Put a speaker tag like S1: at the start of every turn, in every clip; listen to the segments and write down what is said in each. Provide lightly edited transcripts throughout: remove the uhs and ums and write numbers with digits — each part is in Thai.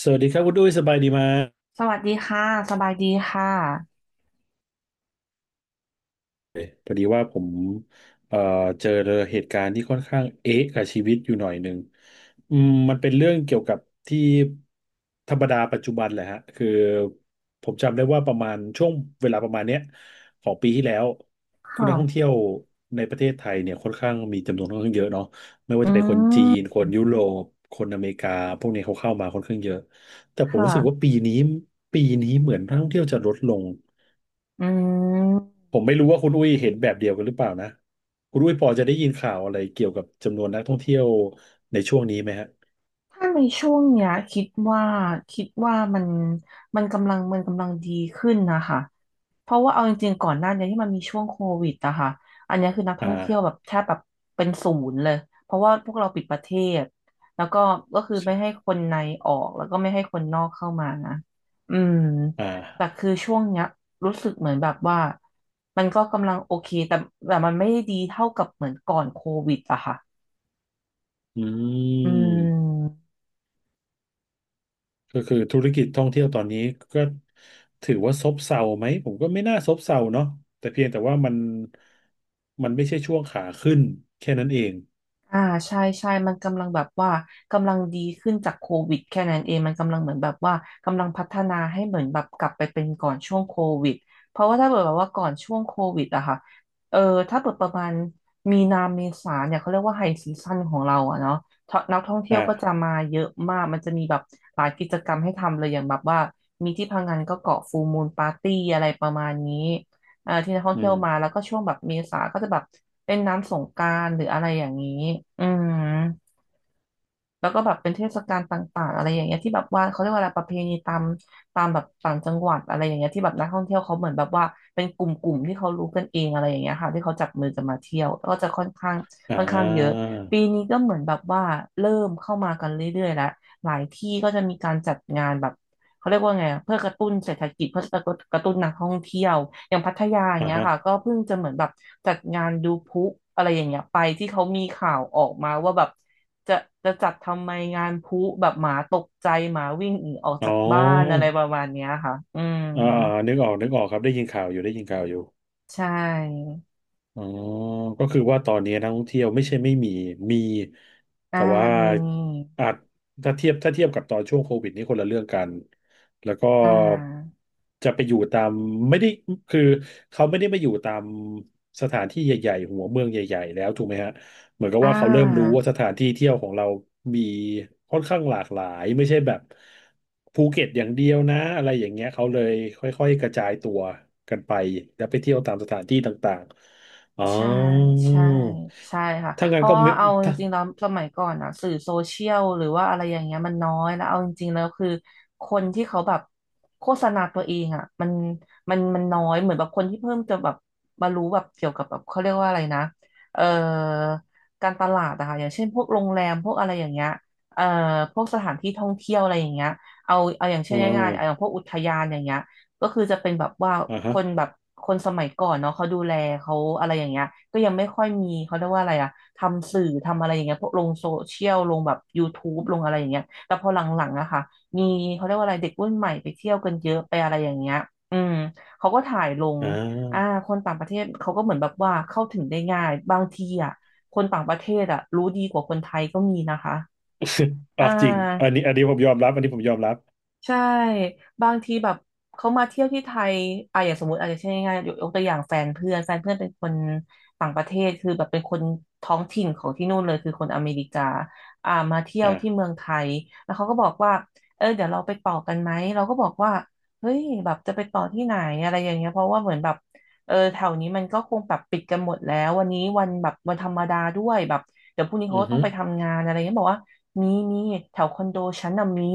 S1: สวัสดีครับคุณดุ้ยสบายดีไหม
S2: สวัสดีค่ะสบายดีค่ะ
S1: พอดีว่าผมเอ่อเจอเหตุการณ์ที่ค่อนข้างเอ๊ะกับชีวิตอยู่หน่อยหนึ่งมันเป็นเรื่องเกี่ยวกับที่ธรรมดาปัจจุบันแหละฮะคือผมจำได้ว่าประมาณช่วงเวลาประมาณเนี้ยของปีที่แล้ว
S2: ค
S1: คุณนักท่อง
S2: ่ะ
S1: เที่ยวในประเทศไทยเนี่ยค่อนข้างมีจำนวนค่อนข้างเยอะเนาะไม่ว่า
S2: อื
S1: จะเป็นคนจีน
S2: ม
S1: คนยุโรปคนอเมริกาพวกนี้เขาเข้ามาค่อนข้างเยอะแต่ผม
S2: ค่ะ
S1: รู้สึกว่าปีนี้เหมือนนักท่องเที่ยวจะลดลง
S2: อืม
S1: ผมไม่รู้ว่าคุณอุ้ยเห็นแบบเดียวกันหรือเปล่านะคุณอุ้ยพอจะได้ยินข่าวอะไรเกี่ยวกับจำนวนนักท่องเที่ยวในช่วงนี้ไหมฮะ
S2: ถ้าในช่วงเนี้ยคิดว่าคิดว่ามันมันกำลังดีขึ้นนะคะเพราะว่าเอาจริงๆก่อนหน้านี้ที่มันมีช่วงโควิดอะค่ะอันเนี้ยคือนักท่
S1: อ่า
S2: องเที่ยวแบบแทบแบบเป็นศูนย์เลยเพราะว่าพวกเราปิดประเทศแล้วก็ก็คือไม่ให้
S1: ใช่
S2: คนในออกแล้วก็ไม่ให้คนนอกเข้ามานะอืม
S1: อ่า
S2: แต่คือช่วงเนี้ยรู้สึกเหมือนแบบว่ามันก็กำลังโอเคแต่มันไม่ได้ดีเท่ากับเหมือนก่อนโควิดอะค่ะ
S1: อื
S2: อื
S1: ม
S2: ม
S1: ก็คือธุรกิจท่องเที่ยวตอนนี้ก็ถือว่าซบเซาไหมผมก็ไม่น่าซบเซาเนาะแต่เพียงแต่ว่ามันไม่ใช่ช่วงขาขึ้นแค่นั้นเอง
S2: อ่าใช่ใช่มันกำลังแบบว่ากำลังดีขึ้นจากโควิดแค่นั้นเองมันกำลังเหมือนแบบว่ากำลังพัฒนาให้เหมือนแบบกลับไปเป็นก่อนช่วงโควิดเพราะว่าถ้าเกิดแบบว่าก่อนช่วงโควิดอะค่ะเออถ้าเกิดประมาณมีนาเมษาเนี่ยเขาเรียกว่าไฮซีซั่นของเราอะเนาะท่อนักท่องเที่ยว
S1: อ่า
S2: ก็จะมาเยอะมากมันจะมีแบบหลายกิจกรรมให้ทำเลยอย่างแบบว่ามีที่พังงานก็เกาะฟูลมูนปาร์ตี้อะไรประมาณนี้ อ่าที่นักท่อง
S1: อื
S2: เที่ย
S1: ม
S2: วมาแล้วก็ช่วงแบบเมษาก็จะแบบเป็นน้ำสงกรานต์หรืออะไรอย่างนี้อืมแล้วก็แบบเป็นเทศกาลต่างๆอะไรอย่างเงี้ยที่แบบว่าเขาเรียกว่าอะไรประเพณีตามแบบต่างจังหวัดอะไรอย่างเงี้ยที่แบบนักท่องเที่ยวเขาเหมือนแบบว่าเป็นกลุ่มๆที่เขารู้กันเองอะไรอย่างเงี้ยค่ะที่เขาจับมือกันมาเที่ยวแล้วก็จะค่อนข้าง
S1: อ่
S2: เยอะ
S1: า
S2: ปีนี้ก็เหมือนแบบว่าเริ่มเข้ามากันเรื่อยๆแล้วหลายที่ก็จะมีการจัดงานแบบ เขาเรียกว่าไงอะเพื่อกระตุ้นเศรษฐกิจเพื่อกระตุ้นนักท่องเที่ยวอย่างพัทยาอย่าง
S1: อ่า
S2: เงี้ย
S1: ฮะ
S2: ค่ะก็เพิ่งจะเหมือนแบบจัดงานดูพลุอะไรอย่างเงี้ยไปที่เขามีข่าวออกมาว่าแบบจะจะจัดทำไมงานพลุแบบหมาตกใจหมาวิ่งหนีออก
S1: อ๋
S2: จา
S1: อ
S2: กบ้านอะไรประมาณเนี้ยค่ะอืม
S1: อ่าอ่านึกออกครับได้ยินข่าวอยู่
S2: ใช่
S1: อ๋อก็คือว่าตอนนี้นักท่องเที่ยวไม่ใช่ไม่มีมี
S2: อ่า
S1: แต่ว่า
S2: มี
S1: อาจถ้าเทียบกับตอนช่วงโควิดนี่คนละเรื่องกัน แล้วก็
S2: อ่า
S1: จะไปอยู่ตามไม่ได้คือเขาไม่ได้มาอยู่ตามสถานที่ใหญ่ๆหัวเมืองใหญ่ๆแล้วถูกไหมฮะเหมือนกับ
S2: อ่
S1: ว่าเขาเริ่มรู้
S2: า
S1: ว่าสถานที่เที่ยวของเรามีค่อนข้างหลากหลายไม่ใช่แบบภูเก็ตอย่างเดียวนะอะไรอย่างเงี้ยเขาเลยค่อยๆกระจายตัวกันไปแล้วไปเที่ยวตามสถานที่ต่างๆ อ๋อ
S2: ใช่ใช่ใช่ค่ะ
S1: ถ้า
S2: เพ
S1: งั้น
S2: ราะ
S1: ก็
S2: ว่า
S1: ไม่
S2: เอาจ
S1: ถ้า
S2: ริงๆแล้วสมัยก่อนอะสื่อโซเชียลหรือว่าอะไรอย่างเงี้ยมันน้อยแล้วเอาจริงๆแล้วคือคนที่เขาแบบโฆษณาตัวเองอะมันมันน้อยเหมือนแบบคนที่เพิ่มจะแบบมารู้แบบเกี่ยวกับแบบเขาเรียกว่าอะไรนะเอ่อการตลาดอะค่ะอย่างเช่นพวกโรงแรมพวกอะไรอย่างเงี้ยเอ่อพวกสถานที่ท่องเที่ยวอะไรอย่างเงี้ยเอาอย่างเช่
S1: อ๋อ
S2: นง่ายๆเอาอย่างพวกอุทยานอย่างเงี้ย ก็คือจะเป็นแบบว่า
S1: อ่า
S2: ค
S1: ฮะ
S2: นแบบคนสมัยก่อนเนาะเขาดูแลเขาอะไรอย่างเงี้ยก็ยังไม่ค่อยมีเขาเรียกว่าอะไรอะทำสื่อทำอะไรอย่างเงี้ยพวกลงโซเชียลลงแบบยูทูบลงอะไรอย่างเงี้ยแต่พอหลังๆอะค่ะมีเขาเรียกว่าอะไรเด็กรุ่นใหม่ไปเที่ยวกันเยอะไปอะไรอย่างเงี้ยอืมเขาก็ถ่ายลง
S1: อ่า
S2: อ่า คนต่างประเทศเขาก็เหมือนแบบว่าเข้าถึงได้ง่ายบางทีอะคนต่างประเทศอะรู้ดีกว่าคนไทยก็มีนะคะอ่
S1: อ่าจริง
S2: า
S1: อันนี้ผมยอมรับอันนี้ผมยอมรับ
S2: ใช่บางทีแบบเขามาเที่ยวที่ไทยอ่ะอย่างสมมติอาจจะเช่นง่ายๆยกตัวอย่างแฟนเพื่อนเป็นคนต่างประเทศคือแบบเป็นคนท้องถิ่นของที่นู่นเลยคือคนอเมริกาอ่ามาเที่ยว
S1: อ่า
S2: ที่เมืองไทยแล้วเขาก็บอกว่าเออเดี๋ยวเราไปต่อกันไหมเราก็บอกว่าเฮ้ยแบบจะไปต่อที่ไหนอะไรอย่างเงี้ยเพราะว่าเหมือนแบบ เออแถวนี้มันก็คงแบบปิดกันหมดแล้ววันนี้วันแบบวันธรรมดาด้วยแบบเดี๋ยวพรุ่งนี้
S1: อื
S2: เขา
S1: อ
S2: ก็ต้
S1: ฮึ
S2: องไปทำงานอะไรเงี้ยบอกว่ามีแถวคอนโดฉันน่ะมี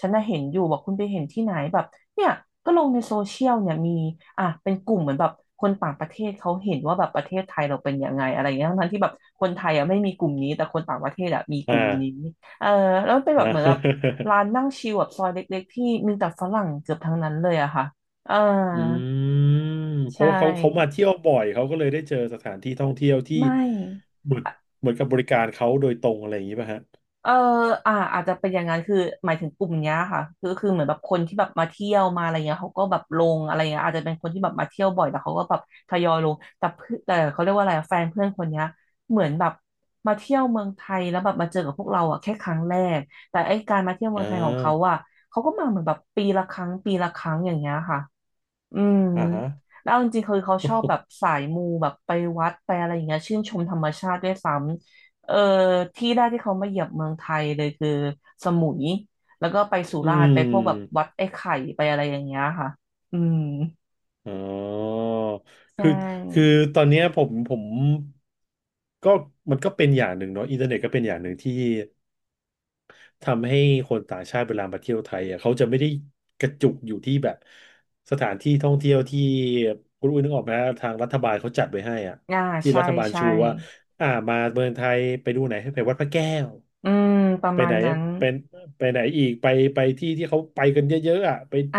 S2: ฉันน่ะเห็นอยู่บอกคุณไปเห็นที่ไหนแบบเนี่ยก็ลงในโซเชียลเนี่ยมีอ่ะเป็นกลุ่มเหมือนแบบคนต่างประเทศเขาเห็นว่าแบบประเทศไทยเราเป็นยังไงอะไรเงี้ยทั้งที่แบบคนไทยอ่ะไม่มีกลุ่มนี้แต่คนต่างประเทศอ่ะมีก
S1: อ่า
S2: ลุ่มนี้เออแล้วมันเป็นแบ
S1: อ่า
S2: บเห มือนแบบร้านนั่งชิลแบบซอยเล็กๆที่มีแต่ฝรั่งเกือบทั้งนั้นเลยอะค่ะเออ
S1: อืมเพ
S2: ใช
S1: ราะว่าเขามา
S2: ่
S1: เที่ยวบ่อยเขาก็เลยได้เจอสถานที่ท่องเที่ยวที่
S2: ไม่
S1: เหมือนกับบริการเขาโดยตรงอะไรอย่างนี้ป่ะฮะ
S2: เอออาจจะเป็นอย่างนั้นคือหมายถึงกลุ่มเนี้ยค่ะคือเหมือนแบบคนที่แบบมาเที่ยวมาอะไรเงี้ยเขาก็แบบลงอะไรเงี้ยอาจจะเป็นคนที่แบบมาเที่ยวบ่อยแต่เขาก็แบบทยอยลงแต่เพื่อนแต่เขาเรียกว่าอะไรอะแฟนเพื่อนคนเนี้ยเหมือนแบบมาเที่ยวเมืองไทยแล้วแบบมาเจอกับพวกเราอ่ะแค่ครั้งแรกแต่ไอ้การมาเที่ยวเมื
S1: อ่
S2: องไทยของเขา
S1: า
S2: อ่ะเขาก็มาเหมือนแบบปีละครั้งปีละครั้งอย่างเงี้ยค่ะ อืม
S1: อ่าฮะ
S2: แล้วเอาจริงๆคือเขาชอบแบบ สายมูแบบไปวัดไปอะไรอย่างเงี้ยชื่นชมธรรมชาติด้วยซ้ำเออที่แรกที่เขามาเหยียบเมืองไทยเลยคือสมุยแล้วก็ไปสุ
S1: อื
S2: ราษฎร์ไป
S1: ม
S2: พวกแบบวัดไอ้ไข่ไปอะไรอย่างเงี้ยค่ะ อืม
S1: อ๋อ
S2: ใช
S1: คือคือ
S2: ่
S1: ตอนเนี้ยผมก็มันก็เป็นอย่างหนึ่งเนาะอินเทอร์เน็ตก็เป็นอย่างหนึ่งที่ทำให้คนต่างชาติเวลามาเที่ยวไทยอ่ะเขาจะไม่ได้กระจุกอยู่ที่แบบสถานที่ท่องเที่ยวที่คุณอุ้ยนึกออกไหมทางรัฐบาลเขาจัดไว้ให้อ่ะ
S2: อ่า
S1: ที่
S2: ใช่
S1: รัฐบาล
S2: ใช่
S1: ชูว่าอ่ามาเมืองไทยไปดูไหนให้ไปวัดพระแก้ว
S2: อืมประ
S1: ไป
S2: มาณ
S1: ไหน
S2: นั้น
S1: เป็นไปไหนอีกไปไปที่ที่เขาไปกันเยอะๆอ่ะไป
S2: อ่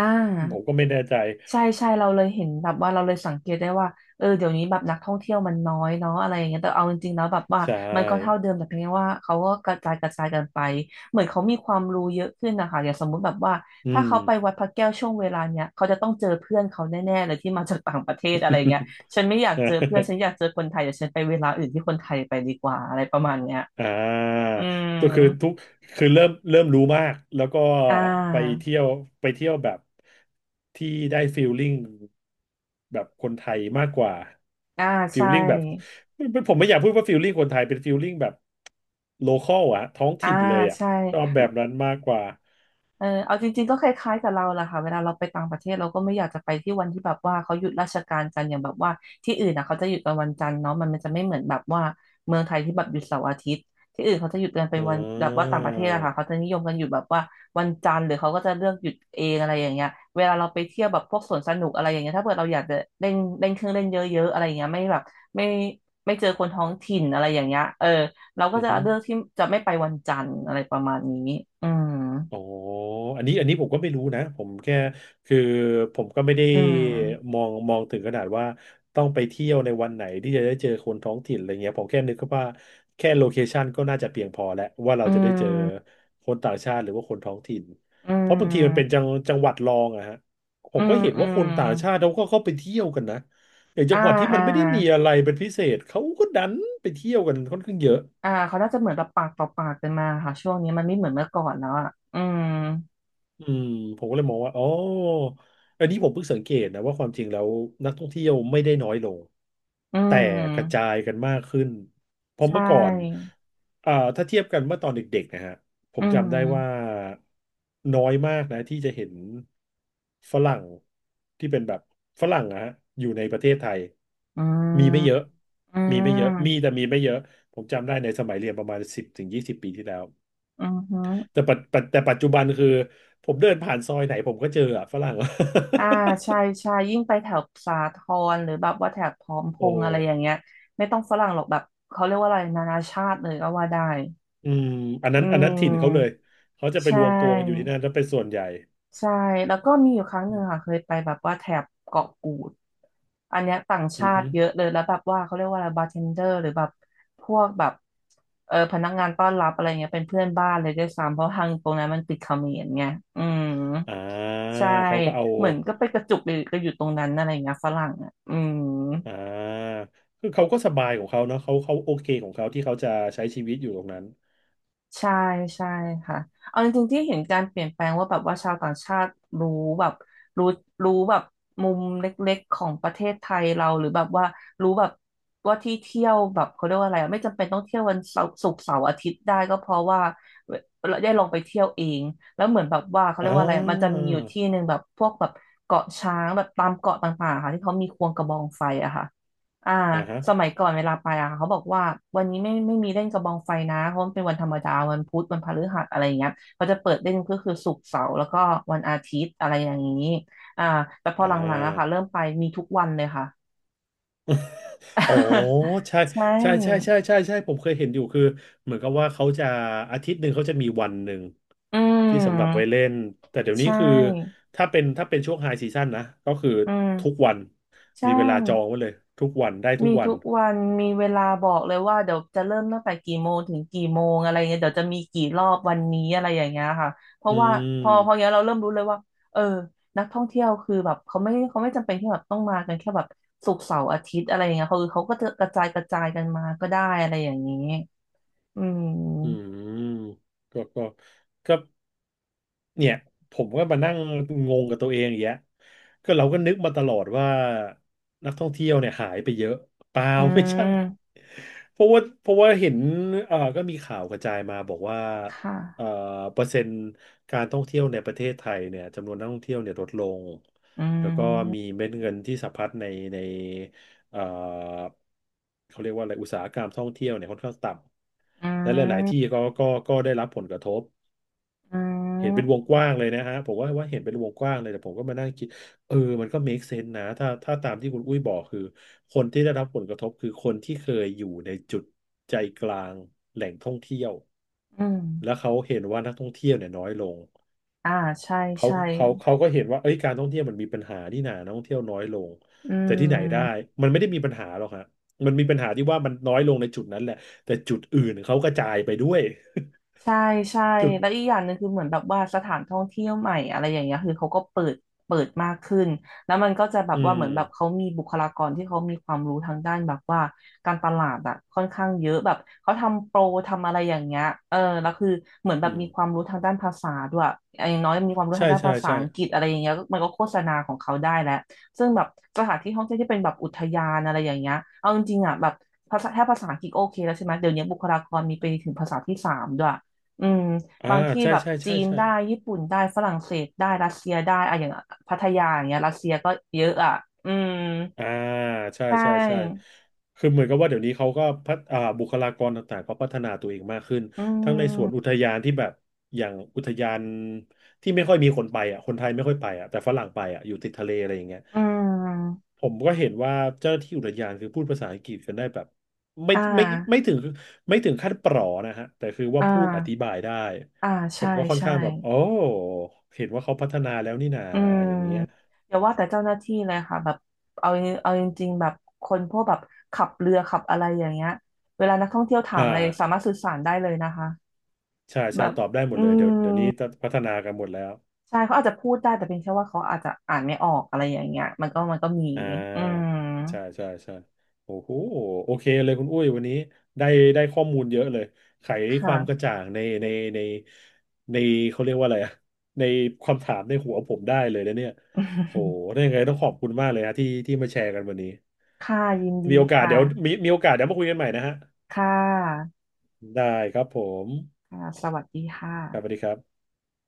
S1: ผม
S2: า
S1: ก็ไม่แน่ใจ
S2: ใช่ใช่เราเลยเห็นแบบว่าเราเลยสังเกตได้ว่าเออเดี๋ยวนี้แบบนักท่องเที่ยวมันน้อยเนาะอะไรอย่างเงี้ยแต่เอาจริงๆแล้วแบบว่า
S1: ใช่
S2: มันก็เท่าเดิมแต่เพียงแค่ว่าเขาก็กระจายกันไปเหมือนเขามีความรู้เยอะขึ้นนะคะอย่างสมมุติแบบว่า
S1: อื
S2: ถ้า
S1: ม
S2: เขาไปวัดพระแก้วช่วงเวลาเนี้ยเขาจะต้องเจอเพื่อนเขาแน่ๆเลยที่มาจากต่างประเทศอะไรอย่างเงี้ยฉันไม่อยา ก
S1: อ่
S2: เจอเพื่อนฉันอ
S1: า
S2: ยากเจอคนไทยเดี๋ยวฉันไปเวลาอื่นที่คนไทยไปดีกว่าอะไรประมาณเนี้ย
S1: อ่า
S2: อืม
S1: ก็คือทุกคือเริ่มรู้มาก แล้วก็
S2: อ่
S1: ไป
S2: า
S1: เที่ยวแบบที่ได้ฟีลลิ่งแบบคนไทยมากกว่า
S2: อ่า
S1: ฟี
S2: ใช่
S1: ลลิ่งแบบผมไม่อยากพูดว่าฟีลลิ่งคนไทยเป็นฟีลลิ่งแบบโลคอลอะท้อง
S2: อ่า
S1: ถิ่นเลยอะ
S2: ใช่
S1: ชอบแบบนั้นมากกว่า
S2: เออเอาจริงๆก็คล้ายๆกับเราแหละค่ะเวลาเราไปต่างประเทศเราก็ไม่อยากจะไปที่วันที่แบบว่าเขาหยุดราชการกันอย่างแบบว่าที่อื่นอ่ะเขาจะหยุดกันวันจันทร์เนาะมันจะไม่เหมือนแบบว่าเมืองไทยที่แบบหยุดเสาร์อาทิตย์ที่อื่นเขาจะหยุดกันเป็น
S1: อ่
S2: วันแบบว่า
S1: า
S2: ต่างประเทศอะค่ะเขาจะนิยมกันหยุดแบบว่าวันจันทร์หรือเขาก็จะเลือกหยุดเองอะไรอย่างเงี้ยเวลาเราไปเที่ยวแบบพวกสวนสนุกอะไรอย่างเงี้ยถ้าเกิดเราอยากจะเล่นเล่นเครื่องเล่นเยอะๆอะไรอย่างเงี้ยไม่แบบไม่ไม่เจอคนท้องถิ่นอะไรอย่างเงี้ยเออเราก็
S1: อือ
S2: จะ
S1: ฮึ
S2: เลือกที่จะไม่ไปวันจันทร์อะไรประมาณนี้อืม
S1: อ๋ออันนี้ผมก็ไม่รู้นะผมแค่คือผมก็ไม่ได้
S2: อืม
S1: มองถึงขนาดว่าต้องไปเที่ยวในวันไหนที่จะได้เจอคนท้องถิ่นอะไรเงี้ยผมแค่นึกว่าแค่โลเคชันก็น่าจะเพียงพอแล้วว่าเรา
S2: อื
S1: จะได้เจอ
S2: ม
S1: คนต่างชาติหรือว่าคนท้องถิ่น
S2: อื
S1: เพราะบางทีมันเป็น
S2: ม
S1: จังหวัดรองอะฮะผ
S2: อื
S1: มก็
S2: ม
S1: เห็น
S2: อื
S1: ว่าคน
S2: ม
S1: ต่างชาติเขาก็เข้าไปเที่ยวกันนะอย่างจั
S2: อ่า
S1: งหวัดที่มั
S2: อ่า
S1: นไม่ได้มีอะไรเป็นพิเศษเขาก็ดันไปเที่ยวกันค่อนข้างเยอะ
S2: อ่าเขาน่าจะเหมือนแบบปากต่อปากกันมาค่ะช่วงนี้มันไม่เหมือนเมื่อก่อนแล้วอ่ะอืม
S1: อืมผมก็เลยมองว่าอ๋ออันนี้ผมเพิ่งสังเกตนะว่าความจริงแล้วนักท่องเที่ยวไม่ได้น้อยลง
S2: อื
S1: แต่กระจา
S2: ม
S1: ยกันมากขึ้นเพราะ
S2: ใช
S1: เมื่อก่อน
S2: ่
S1: อ่าถ้าเทียบกันเมื่อตอนเด็กๆนะฮะผ
S2: อื
S1: มจำได้ว่า
S2: ม
S1: น้อยมากนะที่จะเห็นฝรั่งที่เป็นแบบฝรั่งนะฮะอยู่ในประเทศไทย
S2: อื
S1: มีไม่เยอะ
S2: มอื
S1: มีไม่เยอะมี
S2: ม
S1: แต่มีไม่เยอะผมจำได้ในสมัยเรียนประมาณ10 ถึง 20 ปีที่แล้ว
S2: อือฮึ
S1: แต่ปัจจุบันคือผมเดินผ่านซอยไหนผมก็เจออะฝรั่ง
S2: อ่า ใช่ใช่ยิ่งไปแถบสาทรหรือแบบว่าแถบพร้อมพ
S1: โอ้
S2: ง
S1: โห
S2: ษ์อะไรอย่างเงี้ยไม่ต้องฝรั่งหรอกแบบเขาเรียกว่าอะไรนานาชาติเลยก็ว่าได้
S1: อืม
S2: อื
S1: อันนั้นถิ่นเขาเลย
S2: ม
S1: เขาจะไป
S2: ใช
S1: รวมตัวกันอยู่ที่
S2: ่
S1: นั่นแล้วเป็นส่วนใหญ่
S2: ใช่แล้วก็มีอยู่ครั้งห
S1: อื
S2: นึ่ง
S1: ม
S2: ค่ะเคยไปแบบว่าแถบเกาะกูดอันเนี้ยต่าง
S1: อื
S2: ชา
S1: อฮึ
S2: ติเยอะเลยแล้วแบบว่าเขาเรียกว่าอะไรบาร์เทนเดอร์หรือแบบพวกแบบเออพนักงานต้อนรับอะไรเงี้ยเป็นเพื่อนบ้านเลยด้วยซ้ำเพราะทางตรงนั้นมันติดเขมรไงอืม
S1: อ่า
S2: ใช่
S1: เขาก็เอา
S2: เหมือนก็ไปกระจุกอยู่ก็อยู่ตรงนั้นอะไรเงี้ยฝรั่งอ่ะอืม
S1: อ่าคือเขาก็สบายของเขาเนาะเขาโอเคของเขาที่เขาจะใช้ชีวิตอยู่ตรงนั้น
S2: ใช่ใช่ค่ะเอาจริงๆที่เห็นการเปลี่ยนแปลงว่าแบบว่าชาวต่างชาติรู้แบบรู้รู้แบบมุมเล็กๆของประเทศไทยเราหรือแบบว่ารู้แบบว่าที่เที่ยวแบบเขาเรียกว่าอะไรอะไม่จำเป็นต้องเที่ยววันเสาร์ศุกร์เสาร์อาทิตย์ได้ก็เพราะว่าเราได้ลงไปเที่ยวเองแล้วเหมือนแบบว่าเขา
S1: อ่
S2: เรียกว่าอะไรอะมันจะ
S1: า
S2: มีอยู่ที่หนึ่งแบบพวกแบบเกาะช้างแบบตามเกาะต่างๆค่ะที่เขามีควงกระบองไฟอะค่ะ อ่า
S1: อ่าฮะ
S2: สมัยก่อนเวลาไปอ่ะเขาบอกว่าวันนี้ไม่มีเล่นกระบองไฟนะเพราะมันเป็นวันธรรมดาวันพุธวันพฤหัสอะไรอย่างเงี้ยเขาจะเปิดเล่นก็คือศุกร์เสาร์แล้วก็วันอาทิตย์อะไรอย่างนี้อ่าแต่พอ
S1: อ่
S2: หลังๆอะค่ะ
S1: า
S2: เริ่มไปมีทุกวันเลยค่ะ
S1: อ๋อใช่
S2: ใช่
S1: ใช่ใช่ใช่ใช่ใช่ผมเคยเห็นอยู่คือเหมือนกับว่าเขาจะอาทิตย์หนึ่งเขาจะมีวันหนึ่ง
S2: อื
S1: ที่สำหรับไว้
S2: ม
S1: เล่นแต่เดี๋ยว
S2: ใช
S1: นี้คือ
S2: ่
S1: ถ้าเป็นช่วงไฮซีซั่นนะก็คือ
S2: อื
S1: ทุก
S2: ม
S1: วัน
S2: ใช่
S1: มีเวลาจองไว้เลยทุกวันได้ทุ
S2: มี
S1: กวั
S2: ทุ
S1: น
S2: กวันมีเวลาบอกเลยว่าเดี๋ยวจะเริ่มตั้งแต่กี่โมงถึงกี่โมงอะไรเงี้ยเดี๋ยวจะมีกี่รอบวันนี้อะไรอย่างเงี้ยค่ะเพ
S1: อื
S2: ราะว่าพออย่าง
S1: ม
S2: เงี้ยเราเริ่มรู้เลยว่าเออนักท่องเที่ยวคือแบบเขาไม่จำเป็นที่แบบต้องมากันแค่แบบศุกร์เสาร์อาทิตย์อะไรอย่างเงี้ยเขาก็จะกระจายกันมาก็ได้อะไรอย่างนี้อื
S1: อื
S2: ม
S1: มก็ก็ก็เนี่ยผมก็มานั่งงงกับตัวเองอย่างเงี้ยก็เราก็นึกมาตลอดว่านักท่องเที่ยวเนี่ยหายไปเยอะเปล่า
S2: อื
S1: ไม่ใช่
S2: ม
S1: เพราะว่าเห็นก็มีข่าวกระจายมาบอกว่า
S2: ค่ะ
S1: เอ่อเปอร์เซ็นต์การท่องเที่ยวในประเทศไทยเนี่ยจำนวนนักท่องเที่ยวเนี่ยลดลง
S2: อื
S1: แล้วก็
S2: ม
S1: มีเม็ดเงินที่สะพัดใน เอ่อเขาเรียกว่าอะไรอุตสาหกรรมท่องเที่ยวเนี่ยค่อนข้างต่
S2: อื
S1: ำและหลายๆที่
S2: ม
S1: ก็ได้รับผลกระทบ
S2: อื
S1: เห็นเป็นวงกว้าง
S2: ม
S1: เลยนะฮะผมว่าเห็นเป็นวงกว้างเลยแต่ผมก็มานั่งคิดเออมันก็ make sense นะถ้าตามที่คุณอุ้ยบอกคือคนที่ได้รับผลกระทบคือคนที่เคยอยู่ในจุดใจกลางแหล่งท่องเที่ยว
S2: อืม
S1: แล้วเขาเห็นว่านักท่องเที่ยวเนี่ยน้อยลง
S2: อ่าใช่
S1: เขา
S2: ใช่
S1: เขาเขาก็เห็นว่าเอ้ยการท่องเที่ยวมันมีปัญหานี่หนานักท่องเที่ยวน้อยลง
S2: อื
S1: แต่ที่ไหนได้
S2: ม
S1: มันไม่ได้มีปัญหาหรอกฮะมันมีปัญหาที่ว่ามันน้อยลงในจุดนั้นแหละแต่จุดอื่นเขากระจายไปด้วย
S2: ใช่ใช่
S1: จุด
S2: แล้วอีกอย่างหนึ่งคือเหมือนแบบว่าสถานท่องเที่ยวใหม่อะไรอย่างเงี้ยคือเขาก็เปิดมากขึ้นแล้วมันก็จะแบบ
S1: อื
S2: ว่าเห
S1: ม
S2: มือนแบบเขามีบุคลากรที่เขามีความรู้ทางด้านแบบว่าการตลาดอะค่อนข้างเยอะแบบเขาทำโปรทำอะไรอย่างเงี้ยเออแล้วคือเหมือนแบบ
S1: อืม
S2: มีความรู้ทางด้านภาษาด้วยอย่างน้อยมีความรู้ทา
S1: ใช่
S2: งด้าน
S1: ใช่
S2: ภาษา
S1: ใช่
S2: อังกฤษอะไรอย่างเงี้ยมันก็โฆษณาของเขาได้แล้วซึ่งแบบสถานที่ท่องเที่ยวที่เป็นแบบอุทยานอะไรอย่างเงี้ยเอาจริงๆอ่ะแบบภาษาแค่ภาษาอังกฤษโอเคแล้วใช่ไหมเดี๋ยวนี้บุคลากรมีไปถึงภาษาที่สามด้วย อืม
S1: อ่า
S2: บางที่
S1: ใช่
S2: แบบ
S1: ใช่
S2: จี
S1: ใช่
S2: น
S1: ใช่
S2: ได้ญี่ปุ่นได้ฝรั่งเศสได้รัสเซียได้อะอย่างพัทยาอย่างเงี้ยรัสเซียก็เยอะอ่ะอืม
S1: อ่าใช่
S2: ใช
S1: ใช่ใช่
S2: ่
S1: คือเหมือนกับว่าเดี๋ยวนี้เขาก็พัฒอ่าบุคลากรต่างๆเขาพัฒนาตัวเองมากขึ้น
S2: อื
S1: ทั้งในส่วนอุ
S2: ม
S1: ทยานที่แบบอย่างอุทยานที่ไม่ค่อยมีคนไปอ่ะคนไทยไม่ค่อยไปอ่ะแต่ฝรั่งไปอ่ะอยู่ติดทะเลอะไรอย่างเงี้ย
S2: อืม
S1: ผมก็เห็นว่าเจ้าหน้าที่อุทยานคือพูดภาษาอังกฤษกันได้แบบไม่
S2: อ่า
S1: ไม่ไม่ถึงไม่ถึงขั้นปลอนะฮะแต่คือว่า
S2: อ่
S1: พูดอธิ
S2: า
S1: บายได้
S2: อ่า
S1: ผ
S2: ใช่
S1: มก็ค่อน
S2: ใช่
S1: ข้างแบบโอ้เห็นว่าเขาพัฒนาแล้วนี่นา
S2: อืม
S1: อย่างเงี้ย
S2: อย่าว่าแต่เจ้าหน้าที่เลยค่ะแบบเอาเอาจริงๆแบบคนพวกแบบขับเรือขับอะไรอย่างเงี้ยเวลานักท่องเที่ยวถาม
S1: อ่า
S2: อะไรสามารถสื่อสารได้เลยนะคะ
S1: ใช่
S2: แบ
S1: ใช่
S2: บ
S1: ตอบได้หม
S2: อื
S1: ดเลยเดี๋ยว
S2: ม
S1: เดี๋ยวนี้พัฒนากันหมดแล้ว
S2: ใช่เขาอาจจะพูดได้แต่เป็นแค่ว่าเขาอาจจะอ่านไม่ออกอะไรอย่างเงี้ยมันก็มี
S1: อ่
S2: อื
S1: า
S2: ม
S1: ใช่ใช่ใช่โอ้โหโอเคเลยคุณอุ้ยวันนี้ได้ได้ข้อมูลเยอะเลยไขค
S2: ค่ะ
S1: วามกระจ่างในในเขาเรียกว่าอะไรอะในความถามในหัวผมได้เลยนะเนี่ยโอ้โหได้ยังไงต้องขอบคุณมากเลยฮะที่มาแชร์กันวันนี้
S2: ค่ะยินดี
S1: มีโอ
S2: ค
S1: กาสเดี๋ยวมี
S2: ่ะ
S1: มีโอกาสเดี๋ยวมาคุยกันใหม่นะฮะ
S2: ค่ะ
S1: ได้ครับผม
S2: ค่ะสวัสดีค่ะ
S1: ครับสวัสดีครับ